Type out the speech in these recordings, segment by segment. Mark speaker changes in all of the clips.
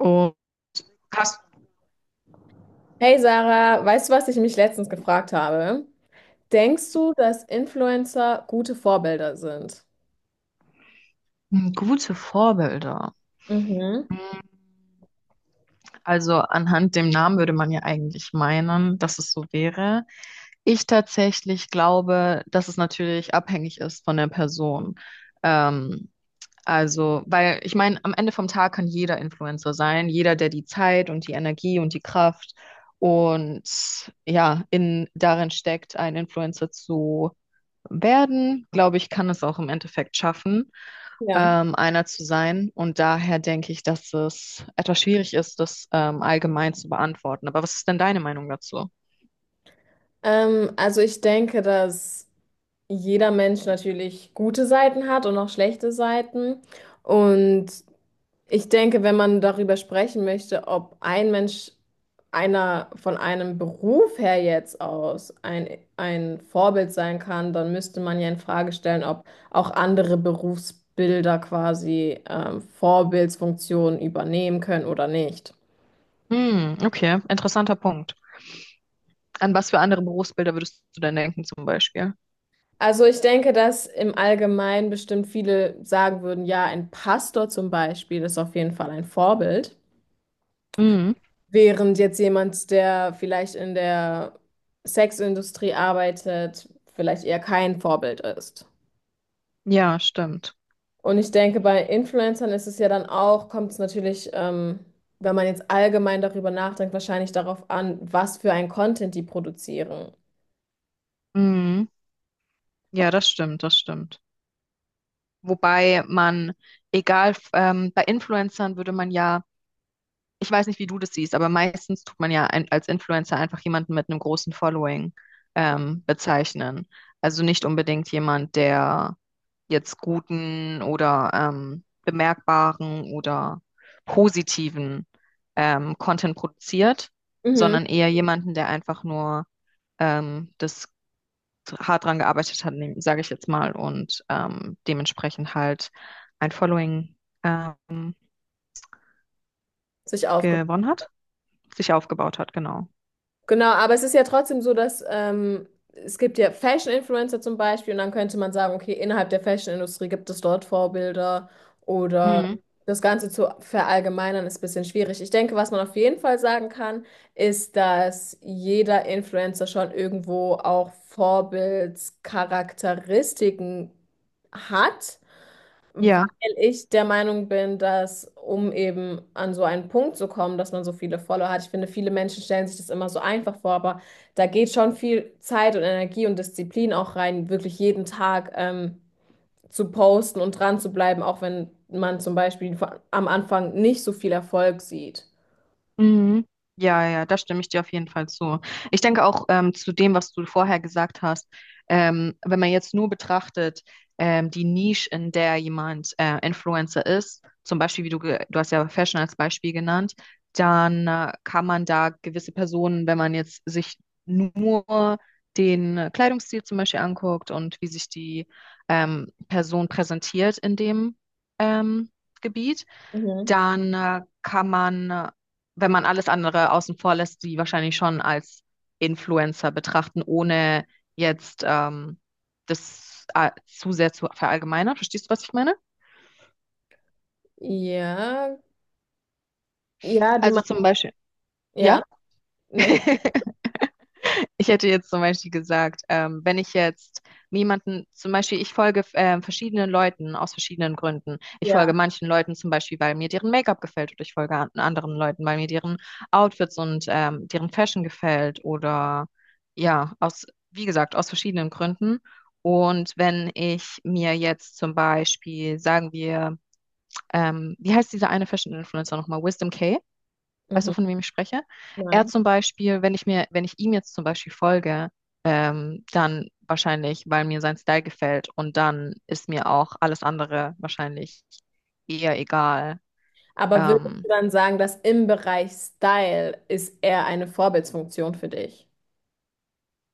Speaker 1: Oh, hast
Speaker 2: Hey Sarah, weißt du, was ich mich letztens gefragt habe? Denkst du, dass Influencer gute Vorbilder sind?
Speaker 1: hm, gute Vorbilder.
Speaker 2: Mhm.
Speaker 1: Also anhand dem Namen würde man ja eigentlich meinen, dass es so wäre. Ich tatsächlich glaube, dass es natürlich abhängig ist von der Person. Ähm, weil ich meine, am Ende vom Tag kann jeder Influencer sein, jeder, der die Zeit und die Energie und die Kraft und ja, in darin steckt, ein Influencer zu werden, glaube ich, kann es auch im Endeffekt schaffen,
Speaker 2: Ja.
Speaker 1: einer zu sein. Und daher denke ich, dass es etwas schwierig ist, das allgemein zu beantworten. Aber was ist denn deine Meinung dazu?
Speaker 2: Also ich denke, dass jeder Mensch natürlich gute Seiten hat und auch schlechte Seiten. Und Ich denke, wenn man darüber sprechen möchte, ob ein Mensch einer von einem Beruf her jetzt ein Vorbild sein kann, dann müsste man ja in Frage stellen, ob auch andere Berufsbilder quasi Vorbildsfunktionen übernehmen können oder nicht.
Speaker 1: Hm, okay, interessanter Punkt. An was für andere Berufsbilder würdest du denn denken, zum Beispiel?
Speaker 2: Also ich denke, dass im Allgemeinen bestimmt viele sagen würden, ja, ein Pastor zum Beispiel ist auf jeden Fall ein Vorbild.
Speaker 1: Hm,
Speaker 2: Während jetzt jemand, der vielleicht in der Sexindustrie arbeitet, vielleicht eher kein Vorbild ist.
Speaker 1: ja, stimmt.
Speaker 2: Und ich denke, bei Influencern ist es ja dann auch, kommt es natürlich, wenn man jetzt allgemein darüber nachdenkt, wahrscheinlich darauf an, was für ein Content die produzieren.
Speaker 1: Hm, ja, das stimmt, das stimmt. Wobei man, egal, bei Influencern würde man ja, ich weiß nicht, wie du das siehst, aber meistens tut man ja ein, als Influencer einfach jemanden mit einem großen Following bezeichnen. Also nicht unbedingt jemand, der jetzt guten oder bemerkbaren oder positiven Content produziert,
Speaker 2: Mhm.
Speaker 1: sondern eher jemanden, der einfach nur das hart dran gearbeitet hat, sage ich jetzt mal, und dementsprechend halt ein Following ähm,
Speaker 2: Sich aufgebaut.
Speaker 1: gewonnen hat, sich aufgebaut hat, genau.
Speaker 2: Genau, aber es ist ja trotzdem so, dass es gibt ja Fashion-Influencer zum Beispiel und dann könnte man sagen, okay, innerhalb der Fashion-Industrie gibt es dort Vorbilder oder
Speaker 1: Mhm.
Speaker 2: das Ganze zu verallgemeinern ist ein bisschen schwierig. Ich denke, was man auf jeden Fall sagen kann, ist, dass jeder Influencer schon irgendwo auch Vorbildscharakteristiken hat. Weil
Speaker 1: Ja,
Speaker 2: ich der Meinung bin, dass, um eben an so einen Punkt zu kommen, dass man so viele Follower hat, ich finde, viele Menschen stellen sich das immer so einfach vor, aber da geht schon viel Zeit und Energie und Disziplin auch rein, wirklich jeden Tag zu posten und dran zu bleiben, auch wenn man zum Beispiel am Anfang nicht so viel Erfolg sieht.
Speaker 1: mhm. Ja, ja, da stimme ich dir auf jeden Fall zu. Ich denke auch, zu dem, was du vorher gesagt hast, wenn man jetzt nur betrachtet, die Nische, in der jemand Influencer ist, zum Beispiel, wie du, du hast ja Fashion als Beispiel genannt, dann kann man da gewisse Personen, wenn man jetzt sich nur den Kleidungsstil zum Beispiel anguckt und wie sich die Person präsentiert in dem ähm, Gebiet,
Speaker 2: Mhm.
Speaker 1: dann wenn man alles andere außen vor lässt, die wahrscheinlich schon als Influencer betrachten, ohne jetzt das zu sehr zu verallgemeinern. Verstehst du, was ich meine?
Speaker 2: Ja, ja, du
Speaker 1: Also
Speaker 2: meinst,
Speaker 1: zum Beispiel,
Speaker 2: ja,
Speaker 1: ja?
Speaker 2: nee,
Speaker 1: Ich hätte jetzt zum Beispiel gesagt, wenn ich jetzt jemanden, zum Beispiel, ich folge verschiedenen Leuten aus verschiedenen Gründen. Ich
Speaker 2: ja,
Speaker 1: folge manchen Leuten zum Beispiel, weil mir deren Make-up gefällt, oder ich folge an anderen Leuten, weil mir deren Outfits und deren Fashion gefällt, oder ja, aus, wie gesagt, aus verschiedenen Gründen. Und wenn ich mir jetzt zum Beispiel, sagen wir, wie heißt diese eine Fashion-Influencer nochmal? Wisdom K. Weißt du,
Speaker 2: mhm.
Speaker 1: von wem ich spreche? Er
Speaker 2: Nein.
Speaker 1: zum Beispiel, wenn ich mir, wenn ich ihm jetzt zum Beispiel folge, dann wahrscheinlich, weil mir sein Style gefällt und dann ist mir auch alles andere wahrscheinlich eher egal.
Speaker 2: Aber würdest du
Speaker 1: Ähm,
Speaker 2: dann sagen, dass im Bereich Style ist eher eine Vorbildsfunktion für dich?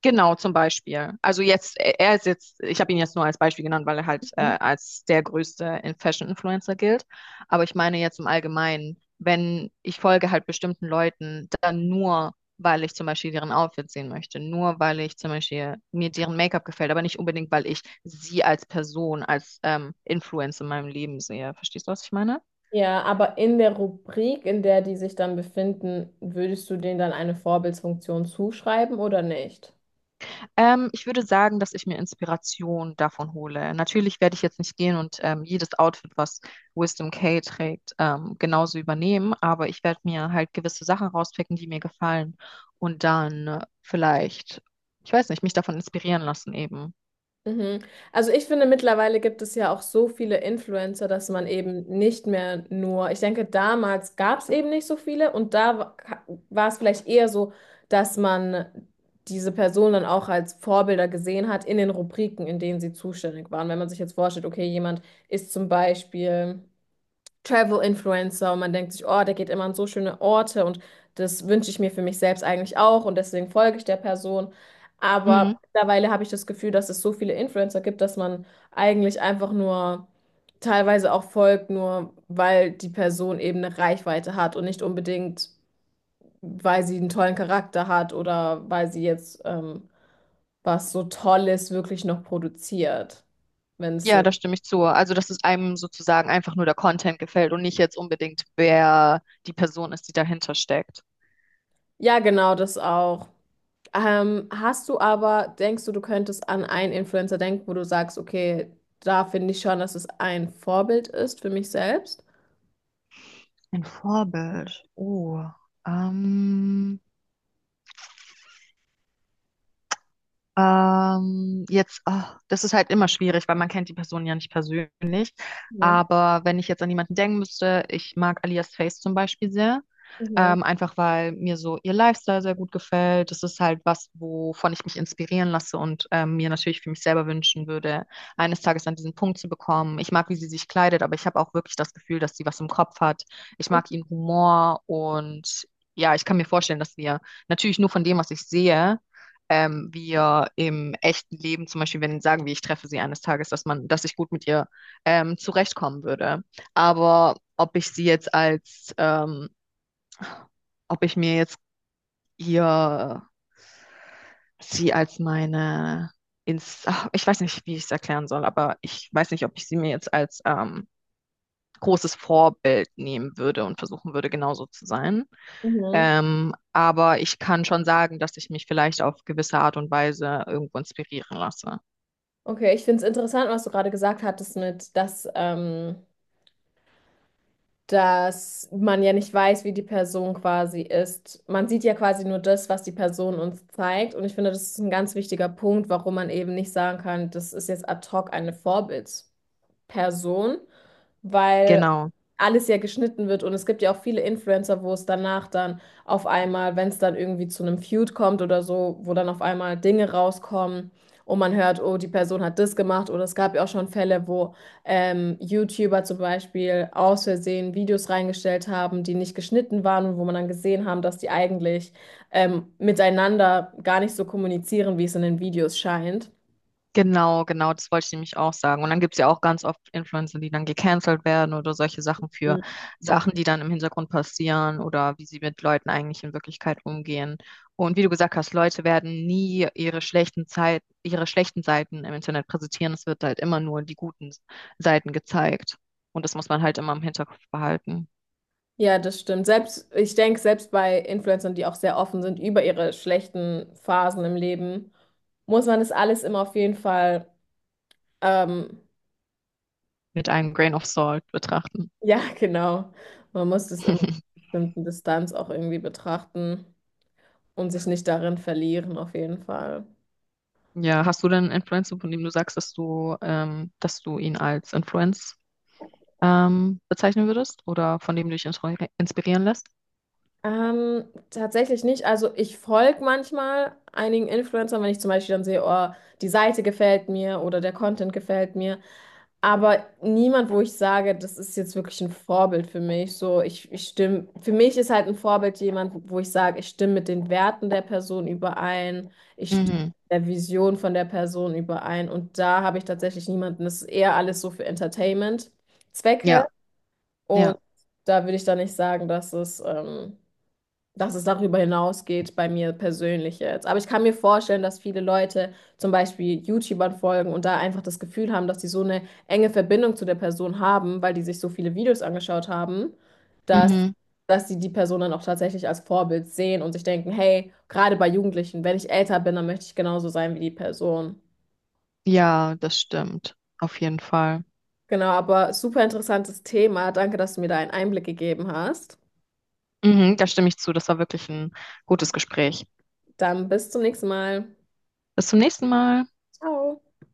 Speaker 1: Genau, zum Beispiel. Also jetzt, er ist jetzt, ich habe ihn jetzt nur als Beispiel genannt, weil er halt
Speaker 2: Hm?
Speaker 1: als der größte Fashion-Influencer gilt. Aber ich meine jetzt im Allgemeinen, wenn ich folge halt bestimmten Leuten, dann nur, weil ich zum Beispiel deren Outfit sehen möchte, nur weil ich zum Beispiel mir deren Make-up gefällt, aber nicht unbedingt, weil ich sie als Person, als Influencer in meinem Leben sehe. Verstehst du, was ich meine?
Speaker 2: Ja, aber in der Rubrik, in der die sich dann befinden, würdest du denen dann eine Vorbildsfunktion zuschreiben oder nicht?
Speaker 1: Ich würde sagen, dass ich mir Inspiration davon hole. Natürlich werde ich jetzt nicht gehen und jedes Outfit, was Wisdom K trägt, genauso übernehmen, aber ich werde mir halt gewisse Sachen rauspicken, die mir gefallen und dann vielleicht, ich weiß nicht, mich davon inspirieren lassen eben.
Speaker 2: Mhm. Also ich finde, mittlerweile gibt es ja auch so viele Influencer, dass man eben nicht mehr nur, ich denke, damals gab es eben nicht so viele und da war es vielleicht eher so, dass man diese Person dann auch als Vorbilder gesehen hat in den Rubriken, in denen sie zuständig waren. Wenn man sich jetzt vorstellt, okay, jemand ist zum Beispiel Travel-Influencer und man denkt sich, oh, der geht immer an so schöne Orte und das wünsche ich mir für mich selbst eigentlich auch und deswegen folge ich der Person. Aber
Speaker 1: Mhm.
Speaker 2: mittlerweile habe ich das Gefühl, dass es so viele Influencer gibt, dass man eigentlich einfach nur teilweise auch folgt, nur weil die Person eben eine Reichweite hat und nicht unbedingt, weil sie einen tollen Charakter hat oder weil sie jetzt was so Tolles wirklich noch produziert, wenn es
Speaker 1: Ja,
Speaker 2: Sinn.
Speaker 1: da stimme ich zu. Also, dass es einem sozusagen einfach nur der Content gefällt und nicht jetzt unbedingt, wer die Person ist, die dahinter steckt.
Speaker 2: Ja, genau, das auch. Hast du aber, denkst du, du könntest an einen Influencer denken, wo du sagst, okay, da finde ich schon, dass es ein Vorbild ist für mich selbst?
Speaker 1: Ein Vorbild. Oh, ähm, oh, das ist halt immer schwierig, weil man kennt die Person ja nicht persönlich.
Speaker 2: Mhm.
Speaker 1: Aber wenn ich jetzt an jemanden denken müsste, ich mag Alias Face zum Beispiel sehr,
Speaker 2: Mhm.
Speaker 1: einfach weil mir so ihr Lifestyle sehr gut gefällt. Das ist halt was, wovon ich mich inspirieren lasse und mir natürlich für mich selber wünschen würde, eines Tages an diesen Punkt zu bekommen. Ich mag, wie sie sich kleidet, aber ich habe auch wirklich das Gefühl, dass sie was im Kopf hat. Ich mag ihren Humor und ja, ich kann mir vorstellen, dass wir, natürlich nur von dem, was ich sehe, wir im echten Leben, zum Beispiel, wenn sagen wir, ich treffe sie eines Tages, dass man, dass ich gut mit ihr zurechtkommen würde. Aber ob ich sie jetzt als ähm, ob ich mir jetzt hier sie als meine ins, ach, ich weiß nicht, wie ich es erklären soll, aber ich weiß nicht, ob ich sie mir jetzt als großes Vorbild nehmen würde und versuchen würde, genauso zu sein.
Speaker 2: Mhm.
Speaker 1: Aber ich kann schon sagen, dass ich mich vielleicht auf gewisse Art und Weise irgendwo inspirieren lasse.
Speaker 2: Okay, ich finde es interessant, was du gerade gesagt hattest mit, dass, dass man ja nicht weiß, wie die Person quasi ist. Man sieht ja quasi nur das, was die Person uns zeigt. Und ich finde, das ist ein ganz wichtiger Punkt, warum man eben nicht sagen kann, das ist jetzt ad hoc eine Vorbild. Person, weil
Speaker 1: Genau.
Speaker 2: alles ja geschnitten wird und es gibt ja auch viele Influencer, wo es danach dann auf einmal, wenn es dann irgendwie zu einem Feud kommt oder so, wo dann auf einmal Dinge rauskommen und man hört, oh, die Person hat das gemacht, oder es gab ja auch schon Fälle, wo YouTuber zum Beispiel aus Versehen Videos reingestellt haben, die nicht geschnitten waren und wo man dann gesehen haben, dass die eigentlich miteinander gar nicht so kommunizieren, wie es in den Videos scheint.
Speaker 1: Genau, genau, das wollte ich nämlich auch sagen. Und dann gibt es ja auch ganz oft Influencer, die dann gecancelt werden oder solche Sachen für Sachen, die dann im Hintergrund passieren oder wie sie mit Leuten eigentlich in Wirklichkeit umgehen. Und wie du gesagt hast, Leute werden nie ihre schlechten Zeit, ihre schlechten Seiten im Internet präsentieren. Es wird halt immer nur die guten Seiten gezeigt. Und das muss man halt immer im Hinterkopf behalten,
Speaker 2: Ja, das stimmt. Selbst, ich denke, selbst bei Influencern, die auch sehr offen sind über ihre schlechten Phasen im Leben, muss man das alles immer auf jeden Fall, ähm,
Speaker 1: mit einem Grain of Salt betrachten.
Speaker 2: ja, genau. Man muss das immer auf einer bestimmten Distanz auch irgendwie betrachten und sich nicht darin verlieren, auf jeden Fall.
Speaker 1: Ja, hast du denn einen Influencer, von dem du sagst, dass du ihn als Influencer bezeichnen würdest oder von dem du dich inspirieren lässt?
Speaker 2: Ähm, tatsächlich nicht. Also ich folge manchmal einigen Influencern, wenn ich zum Beispiel dann sehe, oh, die Seite gefällt mir oder der Content gefällt mir. Aber niemand, wo ich sage, das ist jetzt wirklich ein Vorbild für mich. So, ich stimme, für mich ist halt ein Vorbild jemand, wo ich sage, ich stimme mit den Werten der Person überein, ich stimme
Speaker 1: Mhm.
Speaker 2: mit der Vision von der Person überein. Und da habe ich tatsächlich niemanden. Das ist eher alles so für Entertainment-Zwecke.
Speaker 1: Ja,
Speaker 2: Und
Speaker 1: ja.
Speaker 2: da würde ich dann nicht sagen, dass es darüber hinausgeht bei mir persönlich jetzt. Aber ich kann mir vorstellen, dass viele Leute zum Beispiel YouTubern folgen und da einfach das Gefühl haben, dass sie so eine enge Verbindung zu der Person haben, weil die sich so viele Videos angeschaut haben, dass,
Speaker 1: Mhm.
Speaker 2: dass sie die Person dann auch tatsächlich als Vorbild sehen und sich denken, hey, gerade bei Jugendlichen, wenn ich älter bin, dann möchte ich genauso sein wie die Person.
Speaker 1: Ja, das stimmt. Auf jeden Fall.
Speaker 2: Genau, aber super interessantes Thema. Danke, dass du mir da einen Einblick gegeben hast.
Speaker 1: Mhm, da stimme ich zu. Das war wirklich ein gutes Gespräch.
Speaker 2: Dann bis zum nächsten Mal.
Speaker 1: Bis zum nächsten Mal.
Speaker 2: Ciao.